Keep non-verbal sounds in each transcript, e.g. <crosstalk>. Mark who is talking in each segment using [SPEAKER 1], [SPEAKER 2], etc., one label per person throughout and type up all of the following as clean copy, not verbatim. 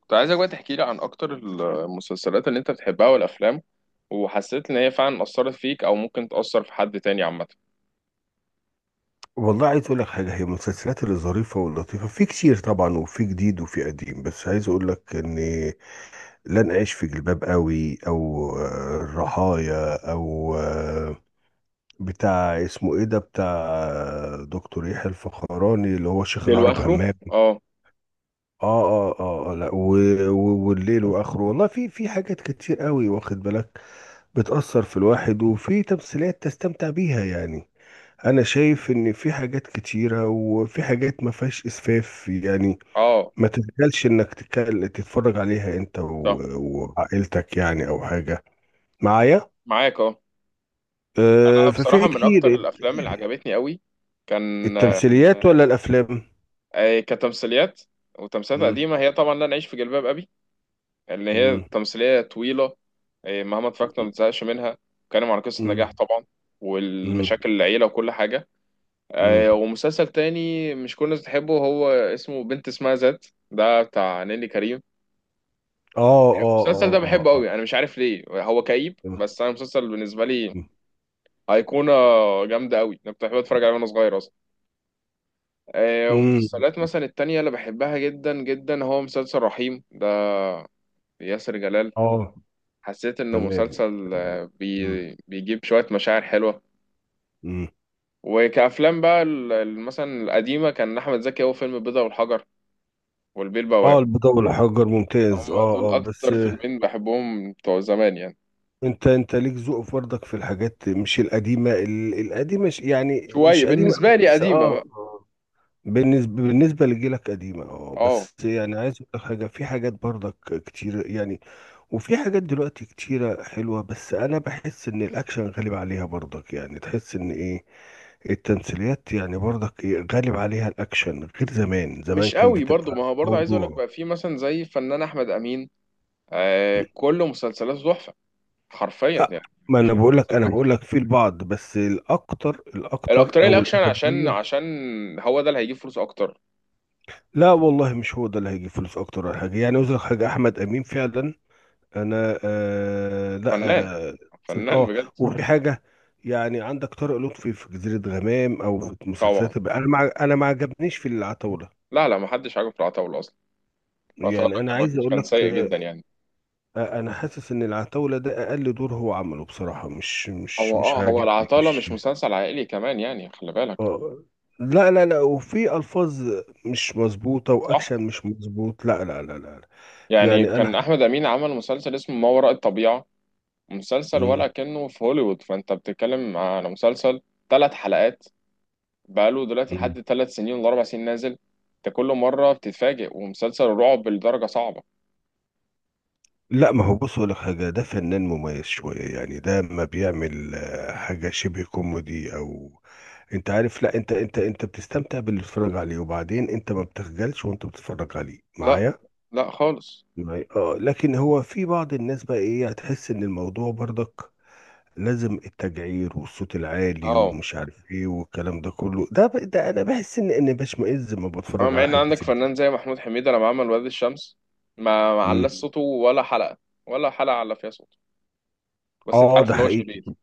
[SPEAKER 1] كنت عايزك بقى تحكي لي عن اكتر المسلسلات اللي انت بتحبها والافلام، وحسيت ان هي فعلا اثرت فيك او ممكن تاثر في حد تاني عامه.
[SPEAKER 2] والله، عايز اقول لك حاجه. هي المسلسلات اللي ظريفه واللطيفه في كتير طبعا، وفي جديد وفي قديم، بس عايز اقول لك ان لن اعيش في جلباب قوي، او الرحايا، او بتاع اسمه ايه ده، بتاع دكتور يحيى الفخراني اللي هو شيخ العرب
[SPEAKER 1] للواخره.
[SPEAKER 2] همام.
[SPEAKER 1] اه.
[SPEAKER 2] اه اه اه، لا. والليل واخره، والله في حاجات كتير قوي، واخد بالك. بتأثر في الواحد، وفي تمثيلات تستمتع بيها يعني. انا شايف ان في حاجات كتيرة، وفي حاجات ما فيهاش اسفاف يعني.
[SPEAKER 1] اه.
[SPEAKER 2] ما تتقالش انك تتفرج عليها انت
[SPEAKER 1] صح.
[SPEAKER 2] وعائلتك يعني، او حاجة. معايا.
[SPEAKER 1] معاك اه. انا بصراحه
[SPEAKER 2] ففي
[SPEAKER 1] من
[SPEAKER 2] كتير.
[SPEAKER 1] اكتر الافلام اللي عجبتني قوي كان
[SPEAKER 2] التمثيليات ولا الافلام؟
[SPEAKER 1] كتمثيليات، وتمثيلات
[SPEAKER 2] مم.
[SPEAKER 1] قديمه، هي طبعا لا نعيش في جلباب ابي. اللي هي
[SPEAKER 2] مم.
[SPEAKER 1] تمثيليه طويله. مهما اتفرجت ما بتزهقش منها. بتتكلم عن قصه نجاح
[SPEAKER 2] مم.
[SPEAKER 1] طبعا،
[SPEAKER 2] مم.
[SPEAKER 1] والمشاكل العيله وكل حاجه.
[SPEAKER 2] مم.
[SPEAKER 1] ومسلسل تاني مش كل الناس بتحبه، هو اسمه بنت اسمها ذات، ده بتاع نيلي كريم.
[SPEAKER 2] اه اه
[SPEAKER 1] المسلسل
[SPEAKER 2] اه
[SPEAKER 1] ده بحبه
[SPEAKER 2] اه
[SPEAKER 1] قوي،
[SPEAKER 2] اه.
[SPEAKER 1] انا مش عارف ليه هو كئيب،
[SPEAKER 2] تمام.
[SPEAKER 1] بس انا المسلسل بالنسبه لي
[SPEAKER 2] مم.
[SPEAKER 1] ايقونه جامده قوي. انا كنت بحب اتفرج عليه وانا صغير اصلا.
[SPEAKER 2] مم.
[SPEAKER 1] ومسلسلات مثلا التانية اللي بحبها جدا جدا هو مسلسل رحيم، ده ياسر جلال.
[SPEAKER 2] اه.
[SPEAKER 1] حسيت انه
[SPEAKER 2] تمام.
[SPEAKER 1] مسلسل
[SPEAKER 2] تمام. مم.
[SPEAKER 1] بيجيب شويه مشاعر حلوه.
[SPEAKER 2] مم.
[SPEAKER 1] وكأفلام بقى مثلا القديمة كان أحمد زكي، هو فيلم البيضة والحجر والبيه
[SPEAKER 2] اه،
[SPEAKER 1] البواب.
[SPEAKER 2] البيضة والحجر ممتاز.
[SPEAKER 1] هم دول
[SPEAKER 2] اه بس.
[SPEAKER 1] اكتر فيلمين بحبهم بتوع زمان يعني.
[SPEAKER 2] انت ليك ذوق برضك في الحاجات، مش القديمه، القديمه يعني،
[SPEAKER 1] شويه
[SPEAKER 2] مش قديمه أوي،
[SPEAKER 1] بالنسبه لي
[SPEAKER 2] بس
[SPEAKER 1] قديمه بقى.
[SPEAKER 2] اه آه. بالنسبه لجيلك قديمه. اه
[SPEAKER 1] اه.
[SPEAKER 2] بس يعني، عايز اقول لك حاجه، في حاجات برضك كتير يعني. وفي حاجات دلوقتي كتيره حلوه، بس انا بحس ان الاكشن غالب عليها برضك. يعني تحس ان ايه، التمثيليات يعني برضك، ايه غالب عليها الاكشن غير زمان. زمان
[SPEAKER 1] مش
[SPEAKER 2] كان
[SPEAKER 1] قوي برضو، ما
[SPEAKER 2] بتبقى
[SPEAKER 1] هو برضو عايز اقول لك
[SPEAKER 2] موضوع.
[SPEAKER 1] بقى في مثلا زي الفنان احمد امين. كل مسلسلاته تحفه. حرفيا
[SPEAKER 2] لا،
[SPEAKER 1] يعني
[SPEAKER 2] ما
[SPEAKER 1] مفيش مسلسل
[SPEAKER 2] انا
[SPEAKER 1] واحد.
[SPEAKER 2] بقول لك في البعض، بس الاكتر، الاكتر
[SPEAKER 1] الاكتريه
[SPEAKER 2] او
[SPEAKER 1] الاكشن عشان
[SPEAKER 2] الاغلبيه.
[SPEAKER 1] عشان هو ده اللي هيجيب فلوس اكتر.
[SPEAKER 2] لا والله، مش هو ده اللي هيجيب فلوس اكتر ولا حاجه يعني. عاوز لك حاجه، احمد امين فعلا، انا لا.
[SPEAKER 1] فنان،
[SPEAKER 2] اه.
[SPEAKER 1] فنان
[SPEAKER 2] آه،
[SPEAKER 1] بجد.
[SPEAKER 2] وفي حاجه يعني. عندك طارق لطفي في جزيره غمام، او في
[SPEAKER 1] طبعا.
[SPEAKER 2] مسلسلات انا ما عجبنيش في العتاوله.
[SPEAKER 1] لا، لا، ما حدش عاجبه في العتاوله اصلا. العتاوله
[SPEAKER 2] يعني انا
[SPEAKER 1] كان
[SPEAKER 2] عايز
[SPEAKER 1] وحش،
[SPEAKER 2] اقول
[SPEAKER 1] كان
[SPEAKER 2] لك،
[SPEAKER 1] سيء جدا يعني.
[SPEAKER 2] انا حاسس ان العتاوله ده اقل دور هو عمله بصراحه. مش مش
[SPEAKER 1] هو
[SPEAKER 2] مش
[SPEAKER 1] اه هو
[SPEAKER 2] عاجبني
[SPEAKER 1] العتاوله
[SPEAKER 2] مش
[SPEAKER 1] مش مسلسل عائلي كمان يعني، خلي بالك.
[SPEAKER 2] اه، لا لا لا، وفي الفاظ مش مظبوطه،
[SPEAKER 1] صح.
[SPEAKER 2] واكشن مش مظبوط. لا لا لا لا لا.
[SPEAKER 1] يعني
[SPEAKER 2] يعني انا.
[SPEAKER 1] كان احمد امين عمل مسلسل اسمه ما وراء الطبيعه، مسلسل ولا
[SPEAKER 2] مم.
[SPEAKER 1] كأنه في هوليوود، فانت بتتكلم على مسلسل 3 حلقات، بقاله دلوقتي
[SPEAKER 2] مم.
[SPEAKER 1] لحد 3 سنين ولا 4 سنين نازل. انت كل مره بتتفاجئ، ومسلسل رعب لدرجه صعبه.
[SPEAKER 2] لا، ما هو، بص اقول لك حاجه، ده فنان مميز شويه، يعني ده ما بيعمل حاجه شبه كوميدي، او انت عارف. لا، انت انت بتستمتع باللي بتتفرج عليه، وبعدين انت ما بتخجلش وانت بتتفرج عليه
[SPEAKER 1] لا،
[SPEAKER 2] معايا.
[SPEAKER 1] لا خالص.
[SPEAKER 2] معايا، اه. لكن هو في بعض الناس بقى ايه، هتحس ان الموضوع برضك لازم التجعير والصوت العالي
[SPEAKER 1] اه.
[SPEAKER 2] ومش عارف ايه، والكلام ده كله ده انا بحس ان اني بشمئز لما
[SPEAKER 1] اما
[SPEAKER 2] بتفرج
[SPEAKER 1] مع
[SPEAKER 2] على
[SPEAKER 1] ان
[SPEAKER 2] حاجه
[SPEAKER 1] عندك
[SPEAKER 2] زي دي.
[SPEAKER 1] فنان زي محمود حميده لما عمل وادي الشمس، ما علاش
[SPEAKER 2] امم
[SPEAKER 1] صوته ولا حلقه، ولا حلقه على فيها صوته. بس انت
[SPEAKER 2] اه،
[SPEAKER 1] عارف
[SPEAKER 2] ده
[SPEAKER 1] اللي هو
[SPEAKER 2] حقيقي.
[SPEAKER 1] شرير.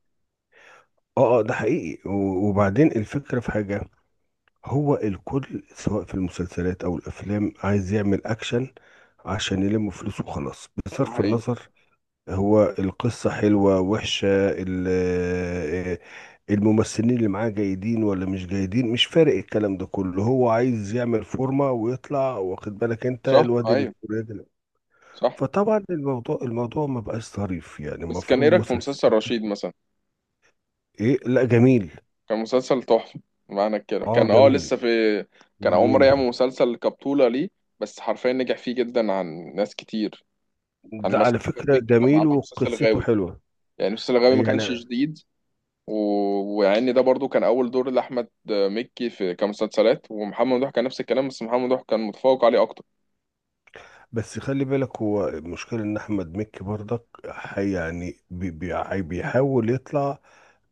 [SPEAKER 2] اه اه، ده حقيقي. وبعدين الفكره في حاجه. هو الكل، سواء في المسلسلات او الافلام، عايز يعمل اكشن عشان يلم فلوس وخلاص،
[SPEAKER 1] ده
[SPEAKER 2] بصرف
[SPEAKER 1] حقيقي.
[SPEAKER 2] النظر هو القصة حلوة وحشة، الممثلين اللي معاه جيدين ولا مش جيدين، مش فارق. الكلام ده كله، هو عايز يعمل فورمة ويطلع، واخد بالك، انت
[SPEAKER 1] صح.
[SPEAKER 2] الواد
[SPEAKER 1] ايوه.
[SPEAKER 2] الفلاني.
[SPEAKER 1] صح.
[SPEAKER 2] فطبعا الموضوع، ما بقاش ظريف، يعني
[SPEAKER 1] بس كان ايه
[SPEAKER 2] المفروض
[SPEAKER 1] رايك في
[SPEAKER 2] مسلسل.
[SPEAKER 1] مسلسل رشيد مثلا؟
[SPEAKER 2] ايه، لا، جميل.
[SPEAKER 1] كان مسلسل تحفة. معنى كده
[SPEAKER 2] اه،
[SPEAKER 1] كان
[SPEAKER 2] جميل.
[SPEAKER 1] لسه في. كان أول
[SPEAKER 2] جميل
[SPEAKER 1] مرة يعمل مسلسل كبطولة ليه. بس حرفيا نجح فيه جدا عن ناس كتير. عن
[SPEAKER 2] ده على
[SPEAKER 1] مثلا أحمد
[SPEAKER 2] فكرة،
[SPEAKER 1] مكي لما
[SPEAKER 2] جميل
[SPEAKER 1] عمل مسلسل
[SPEAKER 2] وقصته
[SPEAKER 1] غاوي،
[SPEAKER 2] حلوة.
[SPEAKER 1] يعني مسلسل غاوي ما كانش
[SPEAKER 2] يعني
[SPEAKER 1] جديد. و... ويعني ده برضو كان أول دور لأحمد مكي في كمسلسلات، ومحمد ممدوح كان نفس الكلام، بس محمد ممدوح كان متفوق عليه أكتر.
[SPEAKER 2] بس خلي بالك، هو المشكلة ان احمد مكي برضك، بيحاول يطلع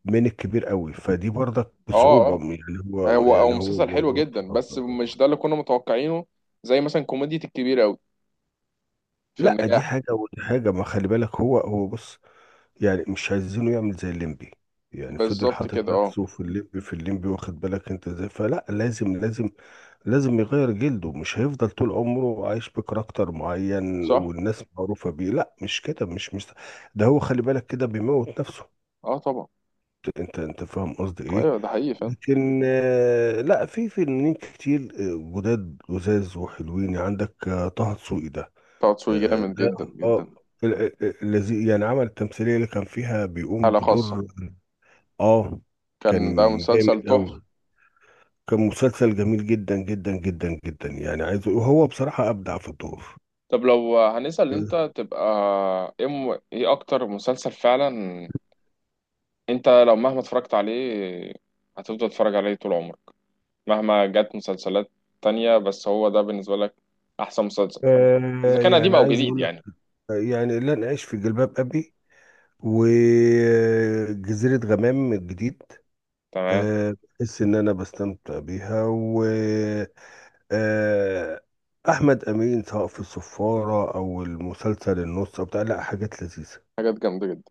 [SPEAKER 2] من الكبير قوي، فدي برضك
[SPEAKER 1] اه.
[SPEAKER 2] بصعوبة.
[SPEAKER 1] اه.
[SPEAKER 2] يعني هو،
[SPEAKER 1] هو مسلسل حلو
[SPEAKER 2] الموضوع
[SPEAKER 1] جدا،
[SPEAKER 2] صعب.
[SPEAKER 1] بس مش ده اللي كنا متوقعينه. زي مثلا كوميديا الكبير أوي في
[SPEAKER 2] لا،
[SPEAKER 1] النجاح.
[SPEAKER 2] دي حاجة ودي حاجة، ما خلي بالك، هو، بص. يعني مش عايزينه يعمل زي الليمبي. يعني فضل
[SPEAKER 1] بالظبط
[SPEAKER 2] حاطط
[SPEAKER 1] كده. اه.
[SPEAKER 2] نفسه في الليمبي، في الليمبي، واخد بالك انت ازاي. فلا لازم، لازم، لازم يغير جلده، مش هيفضل طول عمره عايش بكاركتر معين
[SPEAKER 1] صح.
[SPEAKER 2] والناس معروفة بيه. لا، مش كده، مش. ده هو، خلي بالك كده بيموت نفسه.
[SPEAKER 1] اه. طبعا.
[SPEAKER 2] انت، فاهم قصدي ايه.
[SPEAKER 1] ايوه. ده حقيقي فعلا.
[SPEAKER 2] لكن لا، في فنانين كتير جداد، لذاذ وحلوين. عندك طه دسوقي ده.
[SPEAKER 1] طه دسوقي
[SPEAKER 2] آه،
[SPEAKER 1] جامد
[SPEAKER 2] ده
[SPEAKER 1] جدا
[SPEAKER 2] اه
[SPEAKER 1] جدا.
[SPEAKER 2] ال- الذي يعني عمل التمثيلية اللي كان فيها بيقوم
[SPEAKER 1] حالة خاصة.
[SPEAKER 2] بدور. اه.
[SPEAKER 1] كان ده
[SPEAKER 2] كان جامد
[SPEAKER 1] مسلسل تحفة.
[SPEAKER 2] قوي. كان مسلسل جميل جدا جدا جدا جدا، يعني عايز، وهو بصراحة أبدع في الدور.
[SPEAKER 1] طب لو هنسأل انت تبقى ايه اكتر مسلسل فعلا، انت لو مهما اتفرجت عليه هتفضل تتفرج عليه طول عمرك، مهما جت مسلسلات تانية، بس هو ده بالنسبة لك احسن مسلسل اذا كان قديم
[SPEAKER 2] يعني
[SPEAKER 1] او
[SPEAKER 2] عايز
[SPEAKER 1] جديد
[SPEAKER 2] اقول لك،
[SPEAKER 1] يعني؟
[SPEAKER 2] يعني لن اعيش في جلباب ابي، وجزيرة غمام الجديد.
[SPEAKER 1] تمام.
[SPEAKER 2] بحس ان انا بستمتع بيها، و آه، احمد امين، سواء في الصفاره او المسلسل النص او بتاع. لا، حاجات لذيذه.
[SPEAKER 1] حاجات جامدة جدا.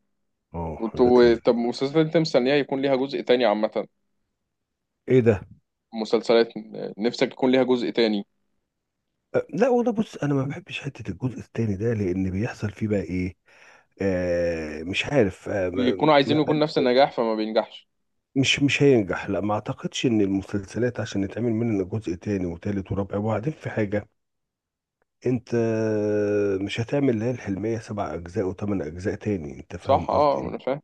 [SPEAKER 2] اه، حاجات لذيذه.
[SPEAKER 1] طب مسلسلات انت مستنيها يكون ليها جزء تاني عامة؟
[SPEAKER 2] ايه ده؟
[SPEAKER 1] مسلسلات نفسك يكون ليها جزء تاني؟
[SPEAKER 2] لا والله، بص، انا ما بحبش حته الجزء الثاني ده، لان بيحصل فيه بقى ايه، مش عارف. آه ما
[SPEAKER 1] بيكونوا عايزين
[SPEAKER 2] ما
[SPEAKER 1] يكون نفس النجاح فما بينجحش.
[SPEAKER 2] مش هينجح. لا، ما اعتقدش ان المسلسلات عشان يتعمل منها جزء تاني وتالت ورابع. وبعدين في حاجه، انت مش هتعمل اللي هي الحلمية سبع اجزاء وثمان اجزاء تاني. انت
[SPEAKER 1] صح.
[SPEAKER 2] فاهم قصدي
[SPEAKER 1] اه.
[SPEAKER 2] ايه.
[SPEAKER 1] انا فاهم.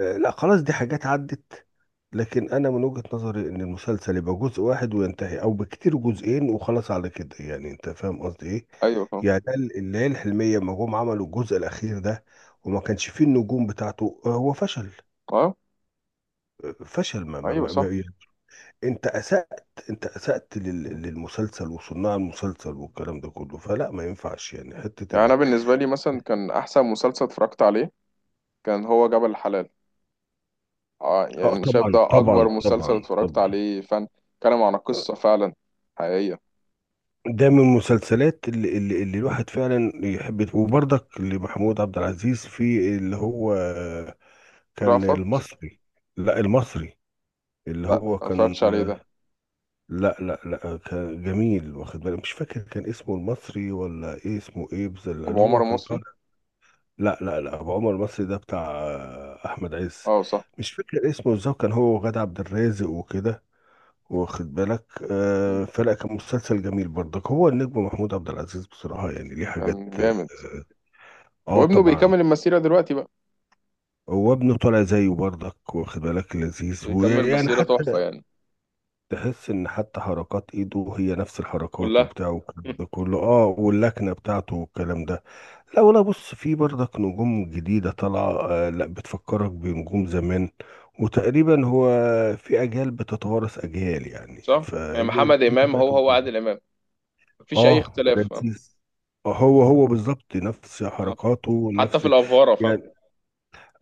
[SPEAKER 2] لا، خلاص، دي حاجات عدت. لكن انا من وجهة نظري ان المسلسل يبقى جزء واحد وينتهي، او بكتير جزئين، وخلاص على كده يعني. انت فاهم قصدي ايه.
[SPEAKER 1] ايوه طبعا.
[SPEAKER 2] يعني ده، اللي هي الحلمية، ما جم عملوا الجزء الاخير ده وما كانش فيه النجوم بتاعته، هو فشل.
[SPEAKER 1] اه.
[SPEAKER 2] فشل.
[SPEAKER 1] ايوه. صح.
[SPEAKER 2] يعني. انت اسأت، للمسلسل وصناع المسلسل، والكلام ده كله. فلا ما ينفعش يعني حتة
[SPEAKER 1] يعني انا
[SPEAKER 2] ان.
[SPEAKER 1] بالنسبه لي مثلا كان احسن مسلسل اتفرجت عليه كان هو جبل الحلال. اه.
[SPEAKER 2] اه،
[SPEAKER 1] يعني أنا شايف
[SPEAKER 2] طبعا
[SPEAKER 1] ده اكبر
[SPEAKER 2] طبعا
[SPEAKER 1] مسلسل
[SPEAKER 2] طبعا
[SPEAKER 1] اتفرجت
[SPEAKER 2] طبعا.
[SPEAKER 1] عليه فن، كلام عن قصه فعلا حقيقيه.
[SPEAKER 2] ده من المسلسلات اللي الواحد فعلا يحب. وبرضك لمحمود عبد العزيز في اللي هو كان
[SPEAKER 1] رأفت.
[SPEAKER 2] المصري. لا، المصري، اللي
[SPEAKER 1] لا،
[SPEAKER 2] هو
[SPEAKER 1] ما
[SPEAKER 2] كان.
[SPEAKER 1] اتفرجتش عليه ده.
[SPEAKER 2] لا لا لا، كان جميل، واخد بالك، مش فاكر، كان اسمه المصري ولا ايه اسمه ايه، بس اللي
[SPEAKER 1] ابو عمر
[SPEAKER 2] هو كان
[SPEAKER 1] المصري.
[SPEAKER 2] طالع. لا لا لا، ابو عمر المصري ده بتاع احمد عز.
[SPEAKER 1] اه صح.
[SPEAKER 2] مش فاكر اسمه ازاي، كان هو وغادة عبد الرازق وكده، واخد بالك.
[SPEAKER 1] مم.
[SPEAKER 2] فلا كان مسلسل جميل برضك. هو النجم محمود عبد العزيز، بصراحة يعني ليه حاجات.
[SPEAKER 1] كان جامد. وابنه
[SPEAKER 2] طبعا.
[SPEAKER 1] بيكمل المسيره دلوقتي بقى.
[SPEAKER 2] هو ابنه طالع زيه برضك، واخد بالك، لذيذ.
[SPEAKER 1] بيكمل
[SPEAKER 2] ويعني
[SPEAKER 1] مسيره
[SPEAKER 2] حتى
[SPEAKER 1] تحفه يعني.
[SPEAKER 2] تحس ان حتى حركات ايده هي نفس الحركات
[SPEAKER 1] كلها.
[SPEAKER 2] وبتاع،
[SPEAKER 1] <laughs>
[SPEAKER 2] والكلام
[SPEAKER 1] مم.
[SPEAKER 2] ده كله. اه، واللكنة بتاعته والكلام ده. لا، ولا بص، في برضك نجوم جديدة طالعة. لا، بتفكرك بنجوم زمان. وتقريبا هو في اجيال بتتوارث اجيال، يعني
[SPEAKER 1] صح. يعني محمد
[SPEAKER 2] فدي
[SPEAKER 1] امام
[SPEAKER 2] طبيعة
[SPEAKER 1] هو هو
[SPEAKER 2] الدنيا.
[SPEAKER 1] عادل امام، مفيش اي
[SPEAKER 2] اه،
[SPEAKER 1] اختلاف. آه.
[SPEAKER 2] لذيذ. هو هو بالظبط، نفس
[SPEAKER 1] آه.
[SPEAKER 2] حركاته،
[SPEAKER 1] حتى في
[SPEAKER 2] نفس.
[SPEAKER 1] الافواره، فاهم؟
[SPEAKER 2] يعني،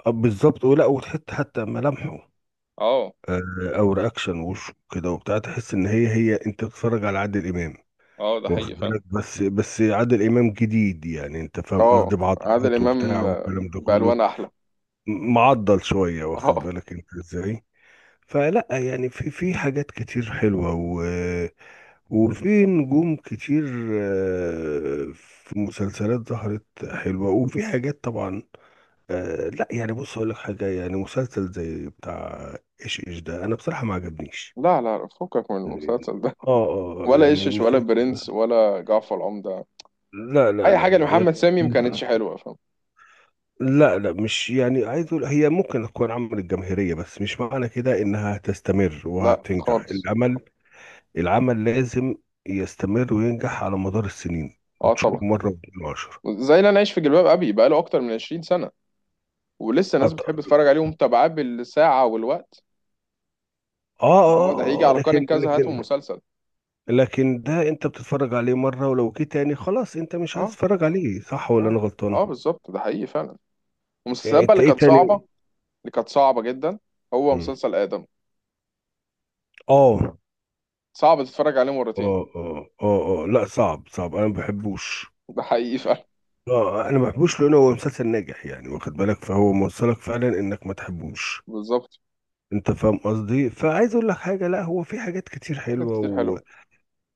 [SPEAKER 2] بالظبط. ولا، وتحط حتى ملامحه،
[SPEAKER 1] اه.
[SPEAKER 2] آه، او رياكشن وشه كده وبتاع، تحس ان هي هي، انت بتتفرج على عادل امام.
[SPEAKER 1] اه. ده حقيقي
[SPEAKER 2] واخد
[SPEAKER 1] فعلا.
[SPEAKER 2] بالك، بس، عادل امام جديد يعني. انت فاهم
[SPEAKER 1] اه.
[SPEAKER 2] قصدي،
[SPEAKER 1] عادل
[SPEAKER 2] بعضلاته وبتاع
[SPEAKER 1] امام
[SPEAKER 2] والكلام ده كله.
[SPEAKER 1] بالوان احلى.
[SPEAKER 2] معضل شويه، واخد
[SPEAKER 1] اه.
[SPEAKER 2] بالك انت ازاي. فلا يعني في حاجات كتير حلوه، وفي نجوم كتير. في مسلسلات ظهرت حلوة، وفي حاجات طبعا. لا يعني، بص أقول لك حاجة، يعني مسلسل زي بتاع إيش ده، أنا بصراحة ما عجبنيش.
[SPEAKER 1] لا، لا، فكك من المسلسل ده. ولا
[SPEAKER 2] يعني
[SPEAKER 1] يشش، ولا
[SPEAKER 2] مسلسل.
[SPEAKER 1] برنس، ولا جعفر العمدة.
[SPEAKER 2] لا لا
[SPEAKER 1] اي
[SPEAKER 2] لا
[SPEAKER 1] حاجه
[SPEAKER 2] لا
[SPEAKER 1] لمحمد
[SPEAKER 2] يعني.
[SPEAKER 1] سامي ما كانتش حلوه، فاهم؟
[SPEAKER 2] لا لا، مش يعني، عايز أقول هي ممكن تكون عملت جماهيرية، بس مش معنى كده إنها هتستمر
[SPEAKER 1] لا
[SPEAKER 2] وهتنجح.
[SPEAKER 1] خالص.
[SPEAKER 2] العمل، العمل لازم يستمر وينجح على مدار السنين،
[SPEAKER 1] اه
[SPEAKER 2] وتشوف
[SPEAKER 1] طبعا.
[SPEAKER 2] مرة واتنين وعشرة.
[SPEAKER 1] زي اللي انا عايش في جلباب ابي بقاله اكتر من 20 سنه، ولسه ناس بتحب تتفرج عليه ومتابعاه بالساعه والوقت.
[SPEAKER 2] اه
[SPEAKER 1] اللي هو
[SPEAKER 2] اه،
[SPEAKER 1] ده هيجي على قناه
[SPEAKER 2] لكن،
[SPEAKER 1] كذا هاتوا مسلسل.
[SPEAKER 2] ده انت بتتفرج عليه مرة، ولو جه تاني خلاص انت مش عايز
[SPEAKER 1] اه.
[SPEAKER 2] تتفرج عليه، صح
[SPEAKER 1] لا،
[SPEAKER 2] ولا انا
[SPEAKER 1] لا.
[SPEAKER 2] غلطان.
[SPEAKER 1] اه بالظبط ده حقيقي فعلا. المسلسلات
[SPEAKER 2] يعني
[SPEAKER 1] بقى
[SPEAKER 2] انت
[SPEAKER 1] اللي
[SPEAKER 2] ايه
[SPEAKER 1] كانت صعبه،
[SPEAKER 2] تاني.
[SPEAKER 1] اللي كانت صعبه جدا، هو
[SPEAKER 2] مم.
[SPEAKER 1] مسلسل ادم.
[SPEAKER 2] اه
[SPEAKER 1] صعب تتفرج عليه مرتين.
[SPEAKER 2] اه اه اه اه، لا صعب، صعب، انا ما بحبوش.
[SPEAKER 1] ده حقيقي فعلا.
[SPEAKER 2] اه، انا ما بحبوش لانه هو مسلسل ناجح يعني، واخد بالك، فهو موصلك فعلا انك ما تحبوش.
[SPEAKER 1] بالظبط.
[SPEAKER 2] انت فاهم قصدي. فعايز اقول لك حاجه، لا، هو في حاجات كتير
[SPEAKER 1] حاجات
[SPEAKER 2] حلوه
[SPEAKER 1] كتير حلوة.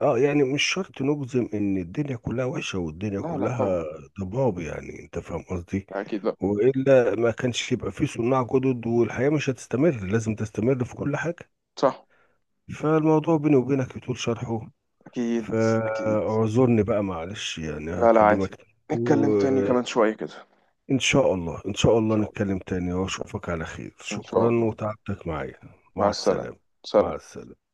[SPEAKER 2] اه يعني، مش شرط نجزم ان الدنيا كلها وحشه، والدنيا
[SPEAKER 1] لا، لا طبعا.
[SPEAKER 2] كلها ضباب، يعني انت فاهم قصدي.
[SPEAKER 1] لا أكيد لا.
[SPEAKER 2] والا ما كانش يبقى فيه صناع جدد، والحياه مش هتستمر، لازم تستمر في كل حاجه.
[SPEAKER 1] صح.
[SPEAKER 2] فالموضوع بيني وبينك يطول شرحه،
[SPEAKER 1] أكيد. أكيد.
[SPEAKER 2] فاعذرني بقى، معلش يعني،
[SPEAKER 1] لا، لا، عادي.
[SPEAKER 2] هكلمك.
[SPEAKER 1] نتكلم تاني
[SPEAKER 2] وان
[SPEAKER 1] كمان شوية كده.
[SPEAKER 2] شاء الله، ان شاء
[SPEAKER 1] إن
[SPEAKER 2] الله
[SPEAKER 1] شاء الله.
[SPEAKER 2] نتكلم تاني، واشوفك على خير.
[SPEAKER 1] إن شاء
[SPEAKER 2] شكرا،
[SPEAKER 1] الله.
[SPEAKER 2] وتعبتك معايا.
[SPEAKER 1] مع
[SPEAKER 2] مع
[SPEAKER 1] السلامة.
[SPEAKER 2] السلامه.
[SPEAKER 1] سلام.
[SPEAKER 2] مع السلامه.